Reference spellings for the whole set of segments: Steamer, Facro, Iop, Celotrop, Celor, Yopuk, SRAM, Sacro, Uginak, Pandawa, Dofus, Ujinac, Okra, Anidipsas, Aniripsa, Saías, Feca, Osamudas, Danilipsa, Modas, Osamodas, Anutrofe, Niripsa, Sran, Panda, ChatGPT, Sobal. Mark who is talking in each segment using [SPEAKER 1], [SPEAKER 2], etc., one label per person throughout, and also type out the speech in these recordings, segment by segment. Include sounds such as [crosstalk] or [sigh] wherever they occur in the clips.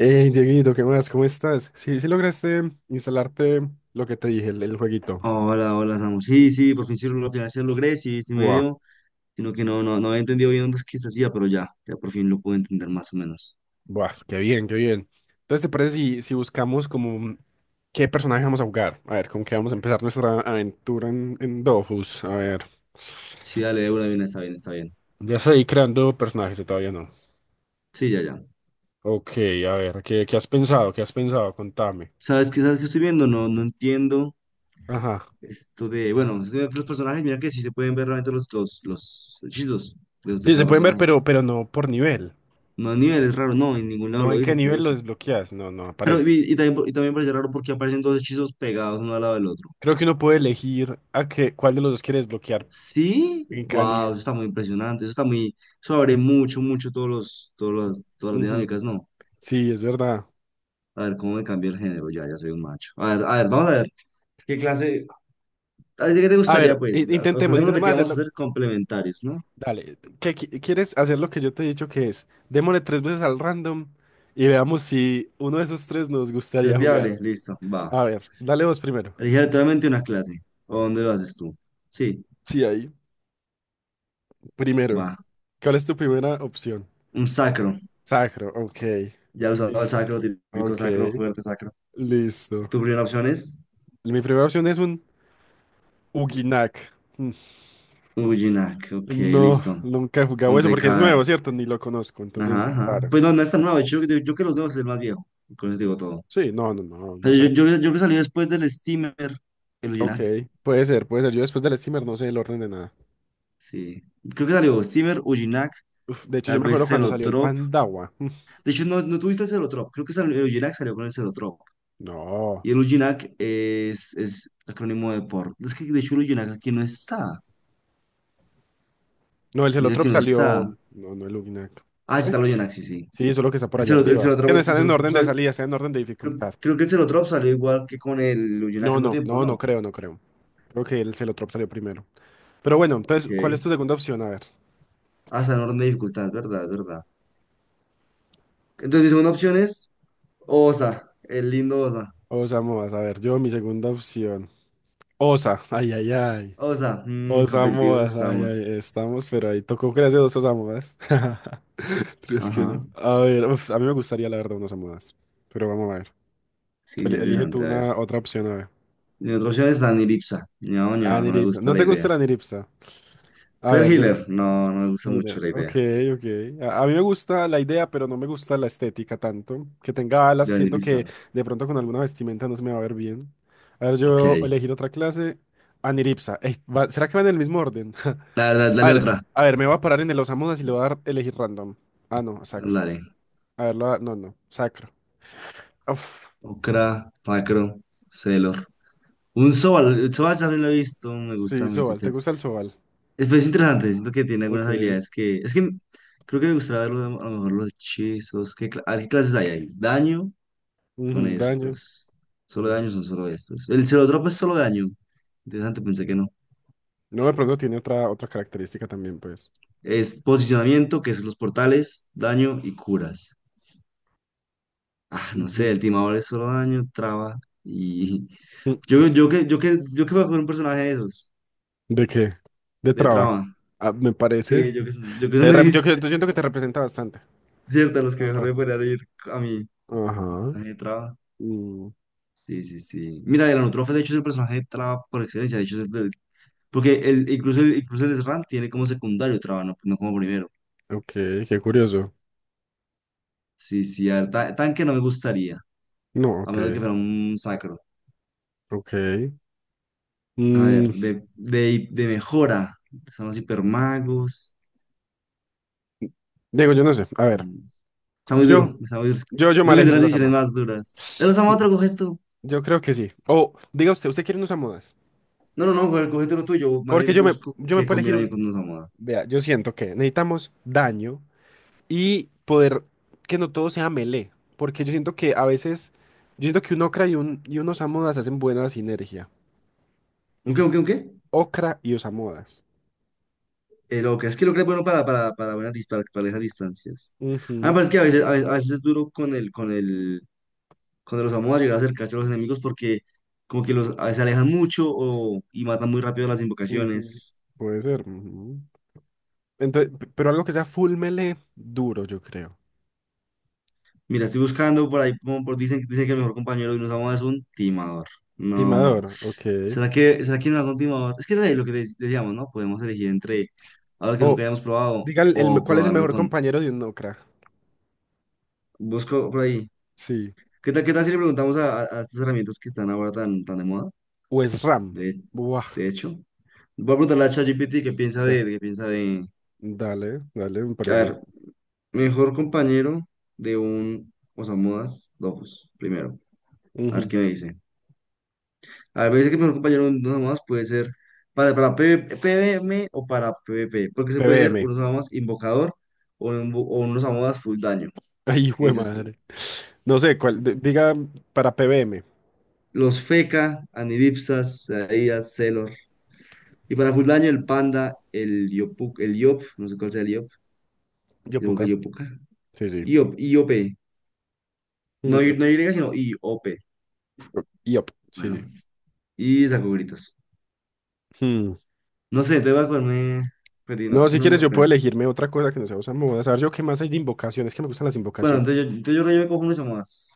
[SPEAKER 1] Hey, Dieguito, ¿qué más? ¿Cómo estás? Sí, sí lograste instalarte lo que te dije, el jueguito.
[SPEAKER 2] Hola, hola, Samu. Sí, sí, por fin sí lo, al final sí lo logré, sí, sí me
[SPEAKER 1] Buah,
[SPEAKER 2] dio, sino que no, no, no había entendido bien dónde es que se hacía, pero ya por fin lo pude entender más o menos.
[SPEAKER 1] buah, qué bien, qué bien. Entonces, ¿te parece si buscamos como qué personaje vamos a jugar? A ver, ¿con qué vamos a empezar nuestra aventura en Dofus? A ver,
[SPEAKER 2] Sí, dale, de una bien, está bien, está bien.
[SPEAKER 1] ya estoy creando personajes, o todavía no.
[SPEAKER 2] Sí, ya, ya.
[SPEAKER 1] Ok, a ver, ¿qué has pensado? ¿Qué has pensado? Contame.
[SPEAKER 2] ¿Sabes qué estoy viendo? No, no entiendo
[SPEAKER 1] Ajá.
[SPEAKER 2] esto de, bueno, estoy viendo que los personajes, mira que sí se pueden ver realmente los hechizos de
[SPEAKER 1] Sí, se
[SPEAKER 2] cada
[SPEAKER 1] pueden ver,
[SPEAKER 2] personaje.
[SPEAKER 1] pero no por nivel.
[SPEAKER 2] No, a nivel es raro, no, en ningún lado
[SPEAKER 1] No
[SPEAKER 2] lo
[SPEAKER 1] en qué
[SPEAKER 2] dice,
[SPEAKER 1] nivel lo
[SPEAKER 2] curioso.
[SPEAKER 1] desbloqueas. No, no
[SPEAKER 2] Pero,
[SPEAKER 1] aparece.
[SPEAKER 2] y también parece raro porque aparecen dos hechizos pegados uno al lado del otro.
[SPEAKER 1] Creo que uno puede elegir cuál de los dos quiere desbloquear
[SPEAKER 2] Sí,
[SPEAKER 1] en cada
[SPEAKER 2] wow,
[SPEAKER 1] nivel.
[SPEAKER 2] eso está muy impresionante, eso está muy, eso abre mucho, mucho todas las
[SPEAKER 1] Ujú.
[SPEAKER 2] dinámicas, no.
[SPEAKER 1] Sí, es verdad.
[SPEAKER 2] A ver, ¿cómo me cambia el género? Ya soy un macho. A ver, vamos a ver. ¿Qué clase? A ver, ¿qué te
[SPEAKER 1] A
[SPEAKER 2] gustaría,
[SPEAKER 1] ver,
[SPEAKER 2] pues? Ac-
[SPEAKER 1] intentemos,
[SPEAKER 2] Acordémonos de
[SPEAKER 1] intentemos
[SPEAKER 2] que vamos a
[SPEAKER 1] hacerlo.
[SPEAKER 2] hacer complementarios, ¿no?
[SPEAKER 1] Dale, ¿ quieres hacer lo que yo te he dicho que es? Démosle tres veces al random y veamos si uno de esos tres nos
[SPEAKER 2] ¿Es
[SPEAKER 1] gustaría jugar.
[SPEAKER 2] viable? Listo, va.
[SPEAKER 1] A ver, dale vos primero.
[SPEAKER 2] Elige aleatoriamente una clase. ¿O dónde lo haces tú? Sí,
[SPEAKER 1] Sí, ahí. Primero.
[SPEAKER 2] va.
[SPEAKER 1] ¿Cuál es tu primera opción?
[SPEAKER 2] Un sacro.
[SPEAKER 1] Sacro, ok.
[SPEAKER 2] Ya he usado el
[SPEAKER 1] Listo.
[SPEAKER 2] sacro, típico
[SPEAKER 1] Ok,
[SPEAKER 2] sacro, fuerte sacro.
[SPEAKER 1] listo.
[SPEAKER 2] ¿Tu primera opción es?
[SPEAKER 1] Mi primera opción es un Uginak. Mm,
[SPEAKER 2] Ujinak, ok,
[SPEAKER 1] no,
[SPEAKER 2] listo.
[SPEAKER 1] nunca he jugado eso porque es nuevo,
[SPEAKER 2] Complicada.
[SPEAKER 1] ¿cierto? Ni lo conozco,
[SPEAKER 2] Ajá,
[SPEAKER 1] entonces,
[SPEAKER 2] ajá.
[SPEAKER 1] claro.
[SPEAKER 2] Pues no, no es tan nuevo. De hecho, yo que los nuevos es el más viejo. Con eso digo todo.
[SPEAKER 1] Sí, no, no, no,
[SPEAKER 2] O
[SPEAKER 1] no,
[SPEAKER 2] sea, yo que salí después del Steamer, el
[SPEAKER 1] ok,
[SPEAKER 2] Ujinac.
[SPEAKER 1] puede ser, puede ser. Yo después del streamer no sé el orden de nada.
[SPEAKER 2] Sí. Creo que salió Steamer, Ujinac,
[SPEAKER 1] Uf, de hecho,
[SPEAKER 2] tal
[SPEAKER 1] yo me
[SPEAKER 2] vez
[SPEAKER 1] acuerdo cuando salió el
[SPEAKER 2] Celotrop.
[SPEAKER 1] Pandawa. [laughs]
[SPEAKER 2] De hecho, no, no tuviste el Celotrop. Creo que salió, el Ujinac salió con el Celotrop.
[SPEAKER 1] No,
[SPEAKER 2] Y el Ujinac es acrónimo de por. Es que de hecho el Ujinac aquí no está.
[SPEAKER 1] no, el
[SPEAKER 2] Mira
[SPEAKER 1] Celotrop
[SPEAKER 2] que no
[SPEAKER 1] salió.
[SPEAKER 2] está.
[SPEAKER 1] No, no, el Uginac.
[SPEAKER 2] Ah, sí
[SPEAKER 1] ¿Qué?
[SPEAKER 2] está el Ujinac, sí, sí.
[SPEAKER 1] Sí, eso es lo que está por
[SPEAKER 2] El,
[SPEAKER 1] allá
[SPEAKER 2] Celo- el
[SPEAKER 1] arriba. Es que
[SPEAKER 2] Celotrop,
[SPEAKER 1] no
[SPEAKER 2] el
[SPEAKER 1] están en
[SPEAKER 2] Celotrop
[SPEAKER 1] orden de salida, están en orden de
[SPEAKER 2] creo,
[SPEAKER 1] dificultad.
[SPEAKER 2] creo que el Celotrop salió igual que con el Ujinac
[SPEAKER 1] No,
[SPEAKER 2] al mismo
[SPEAKER 1] no,
[SPEAKER 2] tiempo,
[SPEAKER 1] no, no
[SPEAKER 2] ¿no?
[SPEAKER 1] creo, no creo. Creo que el Celotrop salió primero. Pero bueno, entonces, ¿cuál
[SPEAKER 2] Ok.
[SPEAKER 1] es tu segunda opción? A ver.
[SPEAKER 2] Hasta en orden de dificultad, ¿verdad? ¿Verdad? Entonces, mi segunda opción es Osa, el lindo Osa.
[SPEAKER 1] Osamoas, a ver, yo mi segunda opción. Osa, ay, ay, ay.
[SPEAKER 2] Osa, competitivos
[SPEAKER 1] Osamoas, ay,
[SPEAKER 2] estamos.
[SPEAKER 1] ay, estamos, pero ahí tocó crearse dos Osamoas. [laughs] [laughs] Es que
[SPEAKER 2] Ajá,
[SPEAKER 1] no. A ver, uf, a mí me gustaría la verdad unas almohadas. Pero vamos a ver.
[SPEAKER 2] sí,
[SPEAKER 1] Tú
[SPEAKER 2] sí,
[SPEAKER 1] elige tú
[SPEAKER 2] interesante, a ver.
[SPEAKER 1] una otra opción, a ver.
[SPEAKER 2] Mi otra opción es Danilipsa. No, no, no me
[SPEAKER 1] Aniripsa.
[SPEAKER 2] gusta
[SPEAKER 1] ¿No
[SPEAKER 2] la
[SPEAKER 1] te gusta
[SPEAKER 2] idea.
[SPEAKER 1] la aniripsa? A
[SPEAKER 2] Ser
[SPEAKER 1] ver, yo.
[SPEAKER 2] healer, no, no me gusta
[SPEAKER 1] Mira,
[SPEAKER 2] mucho la
[SPEAKER 1] ok,
[SPEAKER 2] idea
[SPEAKER 1] ok. A mí me gusta la idea, pero no me gusta la estética tanto. Que tenga alas,
[SPEAKER 2] de
[SPEAKER 1] siento que
[SPEAKER 2] Danilipsa.
[SPEAKER 1] de pronto con alguna vestimenta no se me va a ver bien. A ver,
[SPEAKER 2] Ok,
[SPEAKER 1] yo elegir otra clase. Aniripsa. Ey, ¿será que va en el mismo orden?
[SPEAKER 2] dale,
[SPEAKER 1] [laughs]
[SPEAKER 2] dale,
[SPEAKER 1] A
[SPEAKER 2] dale
[SPEAKER 1] ver,
[SPEAKER 2] otra.
[SPEAKER 1] a ver, me voy a parar en el Osamudas y le voy a dar elegir random. Ah, no, sacro.
[SPEAKER 2] Dale.
[SPEAKER 1] A ver, no, no, sacro. Uf.
[SPEAKER 2] Okra, Facro, Celor. Un Sobal, el Sobal también lo he visto, me
[SPEAKER 1] Sí,
[SPEAKER 2] gusta mucho.
[SPEAKER 1] Sobal, ¿te gusta el Sobal?
[SPEAKER 2] Es interesante, siento que tiene algunas
[SPEAKER 1] Ok.
[SPEAKER 2] habilidades que... Es que creo que me gustaría verlo, a lo mejor los hechizos. A ver, ¿qué clases hay ahí? ¿Daño? Son
[SPEAKER 1] Ujú, daño.
[SPEAKER 2] estos. Solo daño
[SPEAKER 1] Ujú.
[SPEAKER 2] son solo estos. El drop es solo daño. Interesante, pensé que no.
[SPEAKER 1] No, de pronto tiene otra característica también, pues.
[SPEAKER 2] Es posicionamiento, que es los portales, daño y curas. Ah, no sé, el
[SPEAKER 1] Ujú.
[SPEAKER 2] timador es solo daño, traba y... [laughs]
[SPEAKER 1] Mm.
[SPEAKER 2] Yo que voy a coger un personaje de esos,
[SPEAKER 1] ¿De qué? De
[SPEAKER 2] de
[SPEAKER 1] traba.
[SPEAKER 2] traba.
[SPEAKER 1] Ah, me parece.
[SPEAKER 2] Sí, yo que son
[SPEAKER 1] Te
[SPEAKER 2] de
[SPEAKER 1] rep- yo,
[SPEAKER 2] mis,
[SPEAKER 1] que- Yo siento que te representa bastante,
[SPEAKER 2] ciertas, los que mejor
[SPEAKER 1] ¿verdad?
[SPEAKER 2] me podrían ir a mí.
[SPEAKER 1] Ajá.
[SPEAKER 2] Personaje de traba.
[SPEAKER 1] Mm,
[SPEAKER 2] Sí, sí, sí. Mira, el Anutrofe, de hecho, es el personaje de traba por excelencia. De hecho, es el- porque el, incluso el Sran tiene como secundario traba, no, no como primero.
[SPEAKER 1] ok, qué curioso.
[SPEAKER 2] Sí, sí, a ver, tanque no me gustaría,
[SPEAKER 1] No,
[SPEAKER 2] a
[SPEAKER 1] ok,
[SPEAKER 2] menos de que fuera un sacro.
[SPEAKER 1] ok.
[SPEAKER 2] A
[SPEAKER 1] Mm,
[SPEAKER 2] ver, de mejora, están los hipermagos.
[SPEAKER 1] Digo, yo no sé. A ver,
[SPEAKER 2] están- Está muy duro,
[SPEAKER 1] yo,
[SPEAKER 2] está muy duro.
[SPEAKER 1] yo me
[SPEAKER 2] Digo que es de
[SPEAKER 1] elegiré
[SPEAKER 2] las
[SPEAKER 1] los
[SPEAKER 2] decisiones
[SPEAKER 1] Samoa.
[SPEAKER 2] más duras. De los
[SPEAKER 1] Sí,
[SPEAKER 2] otro coges tú.
[SPEAKER 1] yo creo que sí. O, diga usted, ¿usted quiere unos Samoas?
[SPEAKER 2] No, no, no, cógete lo tuyo, yo más
[SPEAKER 1] Porque
[SPEAKER 2] bien
[SPEAKER 1] yo me,
[SPEAKER 2] busco
[SPEAKER 1] yo me
[SPEAKER 2] que
[SPEAKER 1] puedo elegir
[SPEAKER 2] combina bien
[SPEAKER 1] un
[SPEAKER 2] con los Osamada.
[SPEAKER 1] Vea, yo siento que necesitamos daño y poder que no todo sea melee, porque yo siento que un Okra y y un Osamodas hacen buena sinergia.
[SPEAKER 2] ¿Un qué, un qué, un qué?
[SPEAKER 1] Okra y Osamodas.
[SPEAKER 2] El Ocra, es que el Ocra es bueno para, para esas distancias. A mí me
[SPEAKER 1] Ujú,
[SPEAKER 2] parece que a veces, a veces, a veces es duro con el cuando los vamos a llegar a acercarse a los enemigos porque como que los, a veces se alejan mucho o, y matan muy rápido las
[SPEAKER 1] ujú.
[SPEAKER 2] invocaciones.
[SPEAKER 1] Puede ser. Ujú. Entonces, pero algo que sea full melee, duro, yo creo.
[SPEAKER 2] Mira, estoy buscando por ahí, como por, dicen que el mejor compañero de unos amos es un timador. No.
[SPEAKER 1] Timador, ok.
[SPEAKER 2] ¿Será que no hago un timador? Es que no sé, lo que decíamos, ¿no? Podemos elegir entre algo que nunca
[SPEAKER 1] O,
[SPEAKER 2] hayamos probado
[SPEAKER 1] diga
[SPEAKER 2] o
[SPEAKER 1] cuál es el
[SPEAKER 2] probarlo
[SPEAKER 1] mejor
[SPEAKER 2] con...
[SPEAKER 1] compañero de un Okra.
[SPEAKER 2] Busco por ahí.
[SPEAKER 1] Sí.
[SPEAKER 2] Qué tal si le preguntamos a, a estas herramientas que están ahora tan de moda?
[SPEAKER 1] O es Ram.
[SPEAKER 2] De,
[SPEAKER 1] Buah.
[SPEAKER 2] de hecho. Voy a preguntarle a ChatGPT qué piensa
[SPEAKER 1] da-
[SPEAKER 2] de, qué piensa de...
[SPEAKER 1] Dale, dale, me
[SPEAKER 2] A
[SPEAKER 1] parece.
[SPEAKER 2] ver, mejor compañero de un Osamudas Dofus, primero. A ver
[SPEAKER 1] Ujú.
[SPEAKER 2] qué me dice. A ver, me dice que el mejor compañero de un Osamudas puede ser para PV PvM o para PvP. Porque se puede ser
[SPEAKER 1] PBM.
[SPEAKER 2] un Osamudas invocador o o un Osamudas full daño.
[SPEAKER 1] [laughs] Ay, hijo
[SPEAKER 2] ¿Qué
[SPEAKER 1] de
[SPEAKER 2] dices tú?
[SPEAKER 1] madre. No sé, cuál, diga para PBM.
[SPEAKER 2] Los Feca, Anidipsas, Saías, Celor. Y para full daño el Panda, el Yopuk, el Yop, no sé cuál sea el Yop. Digo que el
[SPEAKER 1] Yopuca.
[SPEAKER 2] Yopuka.
[SPEAKER 1] Sí, sí.
[SPEAKER 2] Iop, IOP. No,
[SPEAKER 1] Mm,
[SPEAKER 2] Y- no Y, sino IOP.
[SPEAKER 1] Yop, Yop, sí,
[SPEAKER 2] Bueno.
[SPEAKER 1] sí.
[SPEAKER 2] Y saco gritos.
[SPEAKER 1] Hmm.
[SPEAKER 2] No sé, te voy a comerme. Pero
[SPEAKER 1] No,
[SPEAKER 2] no, que
[SPEAKER 1] si
[SPEAKER 2] no
[SPEAKER 1] quieres,
[SPEAKER 2] me-
[SPEAKER 1] yo puedo
[SPEAKER 2] pues,
[SPEAKER 1] elegirme otra cosa que no sea usar modas. A ver, yo qué más hay de invocaciones, que me gustan las
[SPEAKER 2] bueno,
[SPEAKER 1] invocaciones.
[SPEAKER 2] entonces yo creo que me cojo uno más.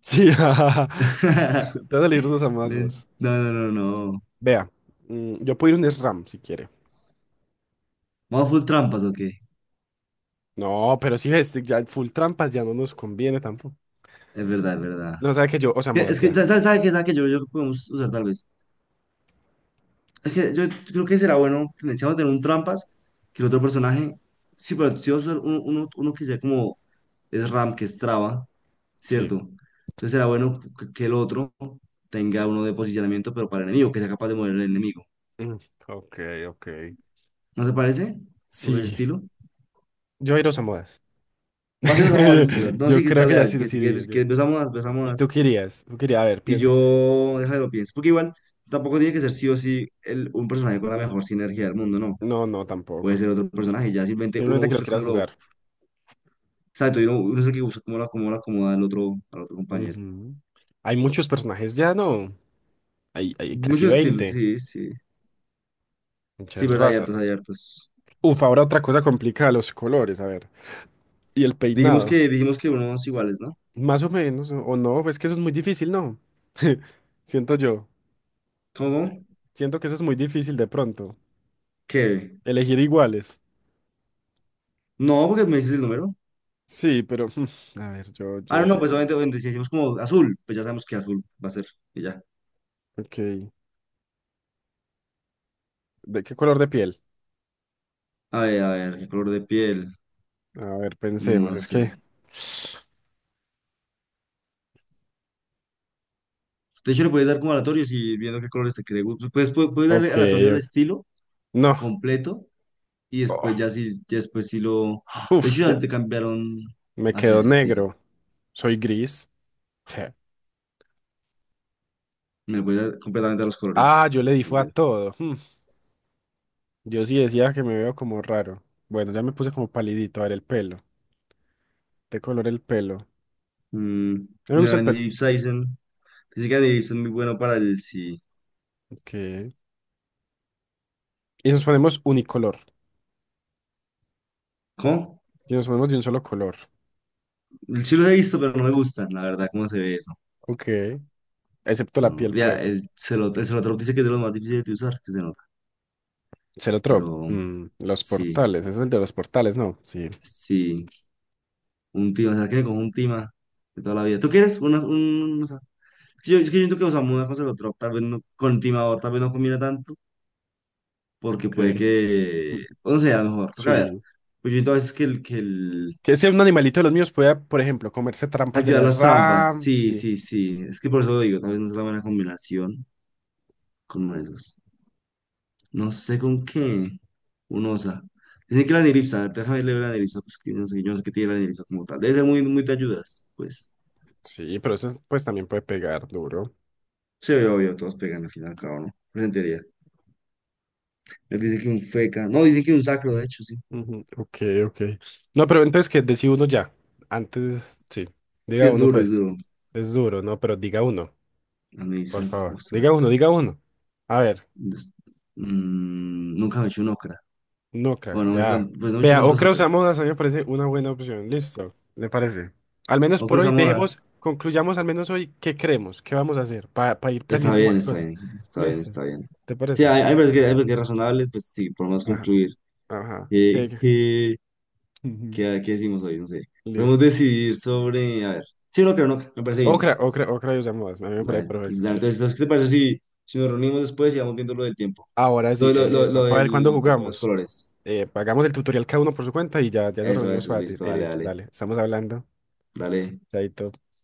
[SPEAKER 1] Sí, [laughs] jajaja. Te
[SPEAKER 2] [laughs]
[SPEAKER 1] vas a salir unos a más vos.
[SPEAKER 2] No, no, no, no.
[SPEAKER 1] Vea, yo puedo ir un SRAM si quiere.
[SPEAKER 2] ¿Vamos full trampas o qué?
[SPEAKER 1] No, pero si ves, ya full trampas ya no nos conviene tampoco.
[SPEAKER 2] Es verdad, es verdad.
[SPEAKER 1] No, sabe que yo,
[SPEAKER 2] Que-
[SPEAKER 1] Osamodas
[SPEAKER 2] Es que,
[SPEAKER 1] ya.
[SPEAKER 2] ¿sabes qué? ¿Sabes qué? Yo creo que podemos usar tal vez. Es que yo creo que será bueno necesitamos tener un trampas que el otro personaje. Sí, pero si vamos a usar uno que sea como es RAM, que es traba,
[SPEAKER 1] Sí.
[SPEAKER 2] ¿cierto? Entonces será bueno que el otro tenga uno de posicionamiento, pero para el enemigo, que sea capaz de mover el enemigo.
[SPEAKER 1] Mm, ok, ok.
[SPEAKER 2] ¿No te parece? ¿O ese
[SPEAKER 1] Sí,
[SPEAKER 2] estilo?
[SPEAKER 1] yo ir a Osamodas.
[SPEAKER 2] Va a ser Osamu Badista, o sea,
[SPEAKER 1] [laughs]
[SPEAKER 2] no, sí,
[SPEAKER 1] Yo creo
[SPEAKER 2] dale,
[SPEAKER 1] que ya
[SPEAKER 2] dale. Si
[SPEAKER 1] sí
[SPEAKER 2] quieres, si quieres,
[SPEAKER 1] decidido.
[SPEAKER 2] si quieres, ves a Modas, ves a
[SPEAKER 1] ¿Y tú
[SPEAKER 2] Modas.
[SPEAKER 1] querías? ¿Tú querías? A ver,
[SPEAKER 2] Y
[SPEAKER 1] piensa usted.
[SPEAKER 2] yo, déjame lo pienso. Porque igual, tampoco tiene que ser sí o sí el- un personaje con la mejor sinergia del mundo, no.
[SPEAKER 1] No, no,
[SPEAKER 2] Puede
[SPEAKER 1] tampoco.
[SPEAKER 2] ser otro personaje. Ya simplemente uno
[SPEAKER 1] Simplemente que lo
[SPEAKER 2] usa
[SPEAKER 1] quieras
[SPEAKER 2] como lo.
[SPEAKER 1] jugar.
[SPEAKER 2] Exacto, y uno es el que usa como lo, cómo lo acomoda al otro compañero.
[SPEAKER 1] Ujú. Hay muchos personajes ya, ¿no? Hay casi
[SPEAKER 2] Muchos estilos,
[SPEAKER 1] 20.
[SPEAKER 2] sí, sí. Sí,
[SPEAKER 1] Muchas
[SPEAKER 2] verdad, hay hartos, hay
[SPEAKER 1] razas.
[SPEAKER 2] hartos.
[SPEAKER 1] Uf, ahora otra cosa complicada, los colores, a ver. Y el
[SPEAKER 2] Dijimos
[SPEAKER 1] peinado.
[SPEAKER 2] que, dijimos que unos iguales, ¿no?
[SPEAKER 1] Más o menos, o no, es que eso es muy difícil, ¿no? [laughs] Siento yo.
[SPEAKER 2] ¿Cómo?
[SPEAKER 1] Siento que eso es muy difícil de pronto.
[SPEAKER 2] ¿Qué?
[SPEAKER 1] Elegir iguales.
[SPEAKER 2] No, porque me dices el número.
[SPEAKER 1] Sí, pero [laughs] a ver,
[SPEAKER 2] Ah, no, no, pues obviamente, obviamente, si decimos como azul, pues ya sabemos que azul va a ser. Y ya.
[SPEAKER 1] ok. ¿De qué color de piel?
[SPEAKER 2] A ver, ¿qué color de piel?
[SPEAKER 1] A ver,
[SPEAKER 2] Mm,
[SPEAKER 1] pensemos,
[SPEAKER 2] no
[SPEAKER 1] es
[SPEAKER 2] sé.
[SPEAKER 1] que. [sighs]
[SPEAKER 2] De hecho, le puedes dar como aleatorios y viendo qué colores te quiere. Puedes
[SPEAKER 1] Ok,
[SPEAKER 2] darle aleatorio al estilo
[SPEAKER 1] no.
[SPEAKER 2] completo y después
[SPEAKER 1] Oh,
[SPEAKER 2] ya si, ya después si lo... ¡Ah! De
[SPEAKER 1] uf,
[SPEAKER 2] hecho, ya
[SPEAKER 1] ya.
[SPEAKER 2] te cambiaron
[SPEAKER 1] Me
[SPEAKER 2] hacia
[SPEAKER 1] quedo
[SPEAKER 2] el estilo.
[SPEAKER 1] negro. Soy gris. Je.
[SPEAKER 2] Me puedes dar completamente a los
[SPEAKER 1] Ah,
[SPEAKER 2] colores
[SPEAKER 1] yo
[SPEAKER 2] como
[SPEAKER 1] le
[SPEAKER 2] que
[SPEAKER 1] di fue a
[SPEAKER 2] cambiar.
[SPEAKER 1] todo. Hmm. Yo sí decía que me veo como raro. Bueno, ya me puse como palidito. A ver, el pelo. ¿De color el pelo?
[SPEAKER 2] Mm,
[SPEAKER 1] No me gusta el
[SPEAKER 2] no, ni
[SPEAKER 1] pelo.
[SPEAKER 2] Deep Saizen. Dice que Deep Season es muy bueno para el sí.
[SPEAKER 1] Ok. Y nos ponemos unicolor.
[SPEAKER 2] ¿Cómo?
[SPEAKER 1] Y nos ponemos de un solo color.
[SPEAKER 2] El sí los he visto, pero no me gustan, la verdad, cómo se ve eso.
[SPEAKER 1] Ok. Excepto la
[SPEAKER 2] No,
[SPEAKER 1] piel,
[SPEAKER 2] ya,
[SPEAKER 1] pues.
[SPEAKER 2] el Celotrop dice que es de los más difíciles de usar, que se nota.
[SPEAKER 1] Celotrop.
[SPEAKER 2] Pero
[SPEAKER 1] Los
[SPEAKER 2] sí,
[SPEAKER 1] portales. Ese es el de los portales, ¿no? Sí.
[SPEAKER 2] sí. Un tima, o sea, que con un tima de toda la vida. ¿Tú quieres? Una, un, o sea, es yo, es que yo siento que, o sea, una cosa de otro, tal vez no, con tima o tal vez no combina tanto, porque puede
[SPEAKER 1] Ok.
[SPEAKER 2] que, o no sé, a lo mejor, toca ver.
[SPEAKER 1] Sí.
[SPEAKER 2] Pues yo siento a veces
[SPEAKER 1] Que ese un animalito de los míos pueda, por ejemplo, comerse trampas de
[SPEAKER 2] activar
[SPEAKER 1] las
[SPEAKER 2] las trampas,
[SPEAKER 1] RAM.
[SPEAKER 2] sí, sí, sí, es que por eso lo digo, tal vez no es la buena combinación con uno de esos. No sé con qué, un osa. Dicen que la niripsa, a ver, déjame leer la niripsa, pues que no sé, yo no sé qué tiene la niripsa como tal. Debe ser muy, muy de ayudas, pues.
[SPEAKER 1] Sí, pero eso pues también puede pegar duro.
[SPEAKER 2] Sí, obvio, obvio, todos pegan al final, claro, ¿no? Presente. Dice que un feca. No, dice que un sacro, de hecho, sí.
[SPEAKER 1] Ujú. Ok, ok. No, pero entonces que decía uno ya. Antes, sí.
[SPEAKER 2] Que
[SPEAKER 1] Diga
[SPEAKER 2] es
[SPEAKER 1] uno,
[SPEAKER 2] duro, es
[SPEAKER 1] pues.
[SPEAKER 2] duro.
[SPEAKER 1] Es duro, ¿no? Pero diga uno,
[SPEAKER 2] A mí
[SPEAKER 1] por
[SPEAKER 2] dicen, o
[SPEAKER 1] favor.
[SPEAKER 2] sea,
[SPEAKER 1] Diga uno, diga uno. A ver,
[SPEAKER 2] des- mm, nunca me he hecho un ocra.
[SPEAKER 1] no creo,
[SPEAKER 2] Bueno, no me he hecho
[SPEAKER 1] ya.
[SPEAKER 2] pues no me he hecho
[SPEAKER 1] Vea,
[SPEAKER 2] tantos
[SPEAKER 1] Ocra
[SPEAKER 2] ocras.
[SPEAKER 1] Osamudas a mí me parece una buena opción. Listo, ¿le parece? Al menos por
[SPEAKER 2] Ocros a
[SPEAKER 1] hoy, dejemos,
[SPEAKER 2] modas.
[SPEAKER 1] concluyamos al menos hoy qué creemos, qué vamos a hacer para ir
[SPEAKER 2] Está
[SPEAKER 1] planeando
[SPEAKER 2] bien,
[SPEAKER 1] más
[SPEAKER 2] está
[SPEAKER 1] cosas.
[SPEAKER 2] bien, está bien,
[SPEAKER 1] Listo,
[SPEAKER 2] está bien.
[SPEAKER 1] ¿te
[SPEAKER 2] Sí,
[SPEAKER 1] parece?
[SPEAKER 2] hay hay veces que es razonable, pues sí, por lo menos
[SPEAKER 1] Ajá,
[SPEAKER 2] concluir.
[SPEAKER 1] ajá. Ok,
[SPEAKER 2] Eh,
[SPEAKER 1] ok.
[SPEAKER 2] ¿qué,
[SPEAKER 1] [laughs] Ujú.
[SPEAKER 2] qué decimos hoy? No sé. Podemos
[SPEAKER 1] Listo.
[SPEAKER 2] decidir sobre, a ver. Sí, no creo, no, me parece bien.
[SPEAKER 1] Ocra, Ocra, Ocra y usamos. A mí me parece
[SPEAKER 2] Dale,
[SPEAKER 1] perfecto.
[SPEAKER 2] dale,
[SPEAKER 1] Listo.
[SPEAKER 2] entonces, ¿qué te parece si, si nos reunimos después y vamos viendo lo del tiempo?
[SPEAKER 1] Ahora sí,
[SPEAKER 2] Lo, lo, lo, lo
[SPEAKER 1] para ver cuándo
[SPEAKER 2] del- lo de los
[SPEAKER 1] jugamos.
[SPEAKER 2] colores.
[SPEAKER 1] Hagamos el tutorial cada uno por su cuenta y ya nos
[SPEAKER 2] Eso,
[SPEAKER 1] reunimos
[SPEAKER 2] eso,
[SPEAKER 1] para ti.
[SPEAKER 2] listo, dale,
[SPEAKER 1] Listo,
[SPEAKER 2] dale,
[SPEAKER 1] dale, estamos hablando.
[SPEAKER 2] dale,
[SPEAKER 1] Chaito.